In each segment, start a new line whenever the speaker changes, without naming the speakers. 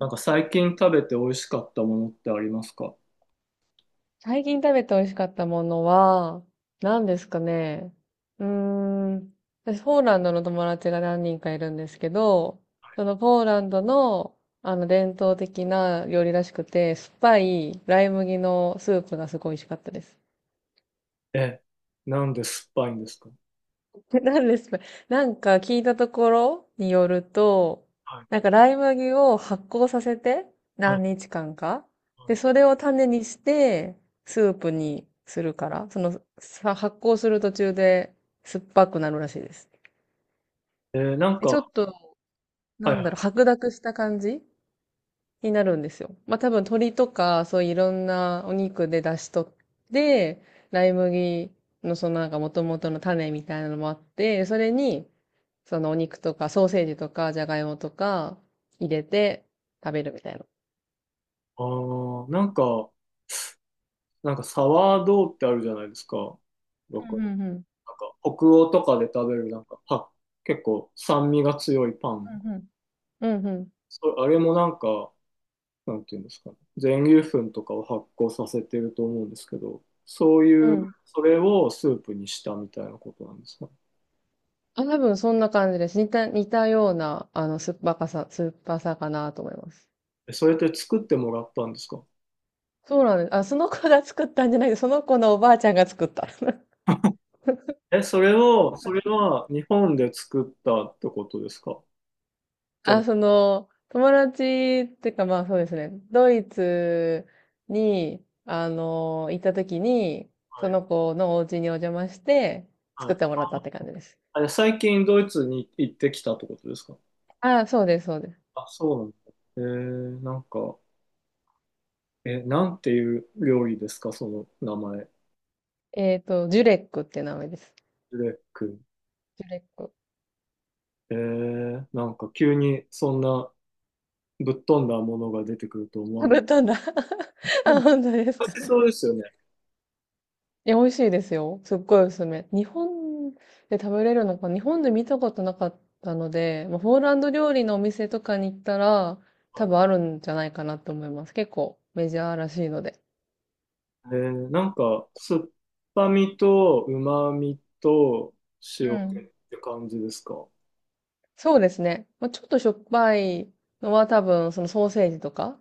なんか最近食べて美味しかったものってありますか？
最近食べて美味しかったものは、何ですかね。うーん。私、ポーランドの友達が何人かいるんですけど、そのポーランドの、伝統的な料理らしくて、酸っぱいライ麦のスープがすごい美味しかったです。
え、なんで酸っぱいんですか？
何ですか？なんか聞いたところによると、
はい。
なんかライ麦を発酵させて
はい。
何日間か。で、そ
は
れを種にしてスープにするから、そのさ発酵する途中で酸っぱくなるらしいです。
い。なん
えちょ
か、
っと、
は
な
い、は
んだろ
い。
う、白濁した感じになるんですよ。まあ多分鶏とか、そういういろんなお肉で出しとって、ライ麦のそのなんか元々の種みたいなのもあって、それに、そのお肉とか、ソーセージとか、じゃがいもとか、入れて食べるみたいな。
あー、なんかサワードーってあるじゃないですか。僕、
うんうんうん
なんか北欧とかで食べるなんか、は、結構酸味が強いパン。
うんうんうん
それ、あれもなんか、なんていうんですかね。全粒粉とかを発酵させてると思うんですけど、そう
うん。
い
う
う、
ん。
それをスープにしたみたいなことなんですかね？
あ、多分そんな感じです。似たような、酸っぱさかなと思います。
え、それって作ってもらったんですか？
そうなんです。あ、その子が作ったんじゃないその子のおばあちゃんが作った。
え、それは日本で作ったってことですか？じゃあ
あ、友達っていうかまあそうですね。ドイツに、行った時に、
は
そ
い。
の子のお家にお邪魔して、
は
作っ
い。
てもらったって感じです。
あれ、で最近ドイツに行ってきたってことですか？
あ、そうです、そうです。
あ、そうなんだ。えなんか、え、なんていう料理ですかその名前？
ジュレックって名前です。
ブレック。
ジュレック。
なんか急にそんなぶっ飛んだものが出てくると思わ
食
なか
べた
っ
んだ。
た。で
あ、
も、
本当です
美
か。
味しそうですよね。
いや、美味しいですよ。すっごいおすすめ。日本で食べれるのか、日本で見たことなかったので、まあ、ポーランド料理のお店とかに行ったら、多
は
分あ
い。
るんじゃないかなと思います。結構メジャーらしいので。
なんか、酸っぱみと旨みと
う
塩気っ
ん。
て感じですか？
そうですね。まあ、ちょっとしょっぱいのは多分、そのソーセージとか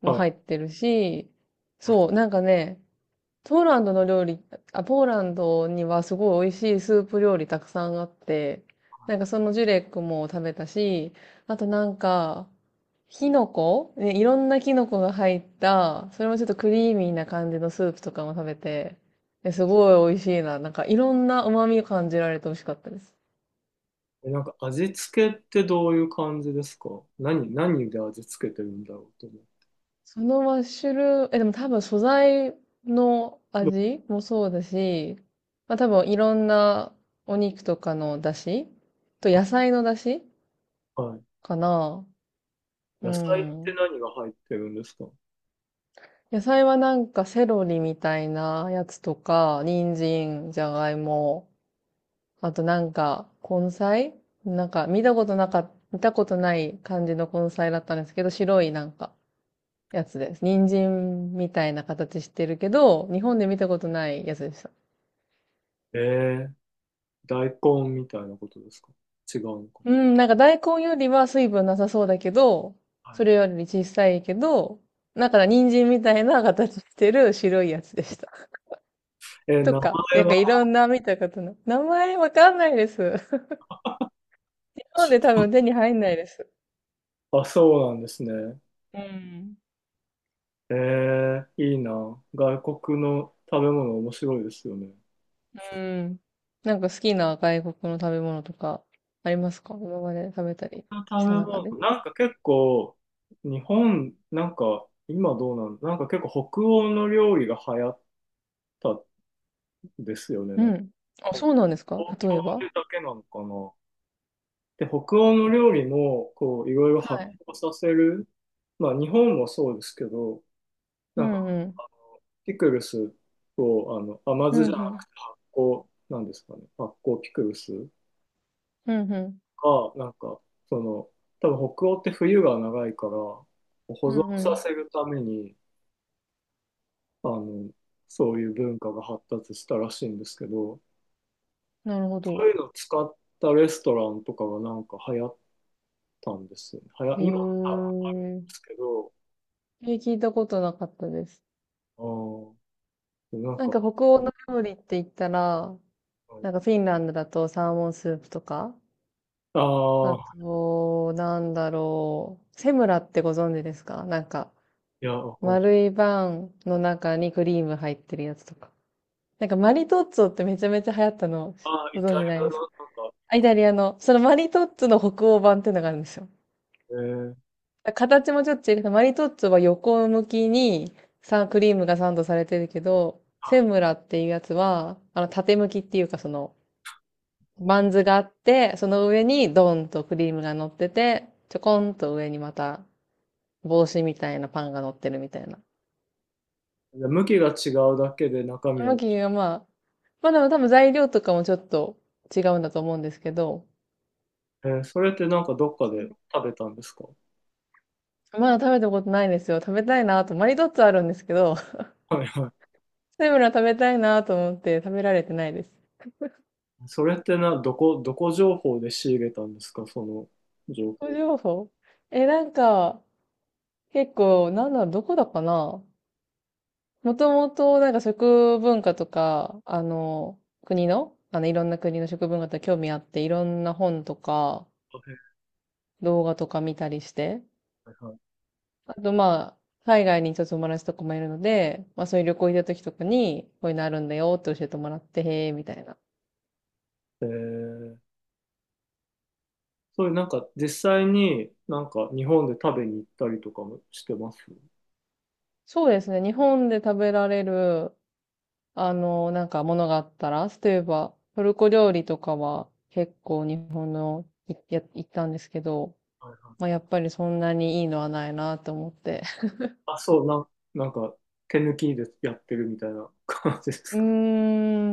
も
はい。
入ってるし、そう、なんかね、ポーランドの料理、あ、ポーランドにはすごい美味しいスープ料理たくさんあって、なんかそのジュレックも食べたし、あとなんか、キノコね、いろんなキノコが入った、それもちょっとクリーミーな感じのスープとかも食べて、すごい美味しいな。なんかいろんな旨味を感じられて美味しかったです。
え、なんか味付けってどういう感じですか？何で味付けてるんだろうと思う。
そのマッシュルーム、でも多分素材の
キノ
味もそうだし、まあ多分いろんなお肉とかの出汁と
コ
野菜の出汁
あはい。
かな。う
野菜って
ん。
何が入ってるんですか？
野菜はなんかセロリみたいなやつとか、人参、じゃがいも、あとなんか根菜、見たことない感じの根菜だったんですけど、白いなんかやつです。人参みたいな形してるけど、日本で見たことないやつです。
えー、大根みたいなことですか？違うのか
うん、なんか大根よりは水分なさそうだけど、
な？はい。
それより小さいけど、なんか人参みたいな形してる白いやつでした。と
名
か、
前
なんかい
は、
ろんな見たことの、名前わかんないです。日本で多分手に入んないです。
あ、そうなんですね。
うん。
いいな。外国の食べ物面白いですよね。
うん。なんか好きな外国の食べ物とかありますか？今まで食べたり
食べ
した中
物、
で。
なんか結構、日本、なんか今どうなん、なんか結構北欧の料理が流行ったんですよね。
う
なんか
ん。あ、そうなんですか？
東京
例えば。
でだけなのかな。で、北欧の料理も、こう、いろいろ
は
発
い。
酵させる。まあ、日本もそうですけど、
う
なんか、
んうん。
ピクルスを、甘
うん
酢じゃな
うん。
くて発酵、なんですかね。発酵ピクルス
うんうん。
が、なんか、その、多分北欧って冬が長いから、保
う
存
んう
さ
ん。
せるために、あの、そういう文化が発達したらしいんですけど、
なるほ
そ
ど。
ういうのを使ったレストランとかがなんか流行ったんですよね。
へ
今、
え。
ですけど、
え、聞いたことなかったです。
ああなん
なん
か、
か北欧の料理って言ったら、
はい
なんかフィンランドだとサーモンスープとか、あ
ああ、
と、なんだろう、セムラってご存知ですか？なんか、
いや、わかんない
丸いバンの中にクリーム入ってるやつとか。なんかマリトッツォってめちゃめちゃ流行ったの、
ああ、イ
ご存
タリ
知ない
アの
ですか？
なんか、
あ、イタリアの、そのマリトッツォの北欧版っていうのがあるんですよ。
ええ
形もちょっと違う。マリトッツォは横向きにさ、クリームがサンドされてるけど、
は
セムラっていうやつは、縦向きっていうか、バンズがあって、その上にドンとクリームが乗ってて、ちょこんと上にまた帽子みたいなパンが乗ってるみたいな。
いで向きが違うだけで中身は、
向きがまあ、まあでも多分材料とかもちょっと違うんだと思うんですけど、
それってなんかどっかで食べたんですか？
まだ食べたことないんですよ。食べたいなと。マリトッツォあるんですけど、
はいは
セムラ食べたいなと思って食べられてないです。
い。それってな、どこ情報で仕入れたんですかその情
個
報？
人情報。なんか、結構、なんだろう、どこだかな。もともと、なんか食文化とか、国の、いろんな国の食文化とか興味あって、いろんな本とか、動画とか見たりして、
はいはい。
あと、まあ、海外にちょっと友達とかもいるので、まあ、そういう旅行行った時とかに、こういうのあるんだよって教えてもらって、へえ、みたいな。
えー、そういうなんか実際になんか日本で食べに行ったりとかもしてます？
そうですね、日本で食べられるなんかものがあったら、例えば、トルコ料理とかは結構日本のいや行ったんですけど、
はいは
まあ
い。
やっぱりそんなにいいのはないなと思って。
あ、そう、なんか手抜きでやってるみたいな感じで
う
す？
ー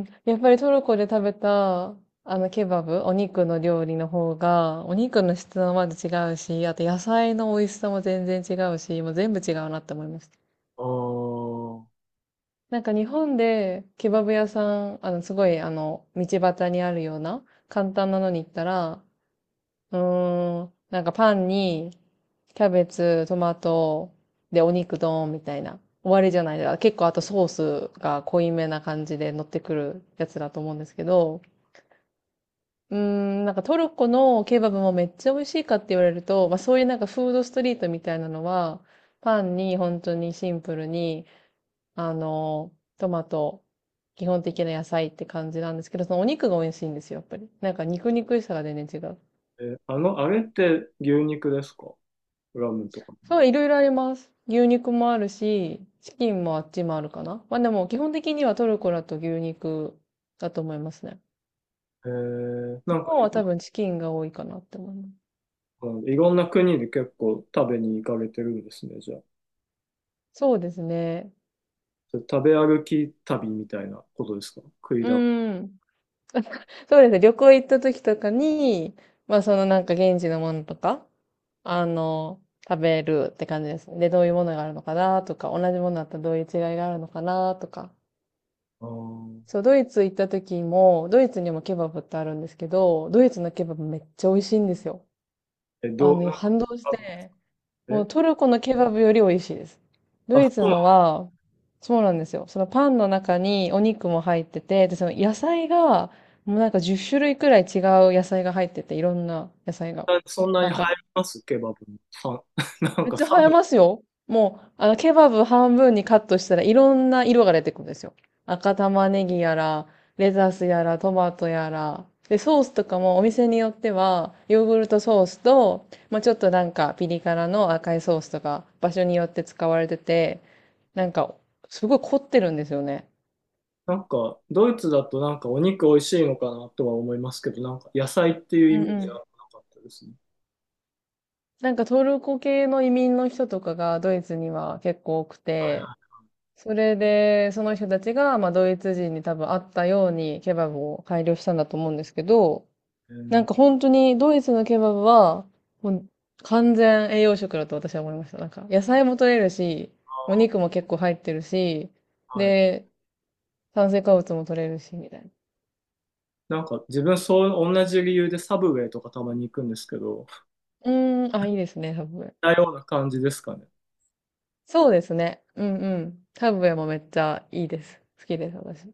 ん、やっぱりトルコで食べた、あのケバブ、お肉の料理の方が、お肉の質もまず違うし、あと野菜の美味しさも全然違うし、もう全部違うなって思いました。
あー
なんか日本でケバブ屋さん、すごい道端にあるような簡単なのに行ったら、うーん。なんかパンに、キャベツ、トマト、で、お肉ドーンみたいな。終わりじゃないですか。結構あとソースが濃いめな感じで乗ってくるやつだと思うんですけど、うーん、なんかトルコのケバブもめっちゃ美味しいかって言われると、まあそういうなんかフードストリートみたいなのは、パンに本当にシンプルに、あの、トマト、基本的な野菜って感じなんですけど、そのお肉が美味しいんですよ、やっぱり。なんか肉肉しさが全然違う。
え、あれって牛肉ですか？ラムとか。
そう、いろいろあります。牛肉もあるし、チキンもあっちもあるかな。まあでも基本的にはトルコだと牛肉だと思いますね。
な
日
んか
本
い、
は多分チキンが多いかなって思います。
うんいろんな国で結構食べに行かれてるんですね、じゃあ。
そうですね。
それ食べ歩き旅みたいなことですか？食い
う
だ。あ
ーん。そうですね。旅行行った時とかに、まあそのなんか現地のものとか、あの、食べるって感じですね。で、どういうものがあるのかなとか、同じものだったらどういう違いがあるのかなとか。
ー
そう、ドイツ行った時も、ドイツにもケバブってあるんですけど、ドイツのケバブめっちゃ美味しいんですよ。
え、どう、
反動して、も
え、
うトルコのケバブより美味しいです。ド
あ、
イツ
そう
のは、そうなんですよ。そのパンの中にお肉も入ってて、で、その野菜が、もうなんか10種類くらい違う野菜が入ってて、いろんな野菜が。
なんだそんなに
なんか。
入りますケバブに。なん
めっ
か
ちゃ映え
寒い。
ますよ。もう、ケバブ半分にカットしたらいろんな色が出てくるんですよ。赤玉ねぎやら、レタスやら、トマトやら。で、ソースとかもお店によっては、ヨーグルトソースと、まあ、ちょっとなんかピリ辛の赤いソースとか、場所によって使われてて、なんか、すごい凝ってるんですよね。
なんか、ドイツだとなんかお肉美味しいのかなとは思いますけど、なんか野菜っていう
う
イ
ん
メー
う
ジは
ん。
なかったですね。
なんかトルコ系の移民の人とかがドイツには結構多くて、それで、その人たちが、まあ、ドイツ人に多分あったようにケバブを改良したんだと思うんですけど、
え
な
ー、
んか本当にドイツのケバブは、もう完全栄養食だと私は思いました。なんか、野菜も取れるし、
あ
お肉も結構入ってるし、
ーはい
で、炭水化物も取れるし、みたいな。
なんか自分そう、同じ理由でサブウェイとかたまに行くんですけど、
うーん、あ、いいですね、ハブウェイ。
似たような感じですかね。
そうですね。うんうん。ハブウェイもめっちゃいいです。好きです、私。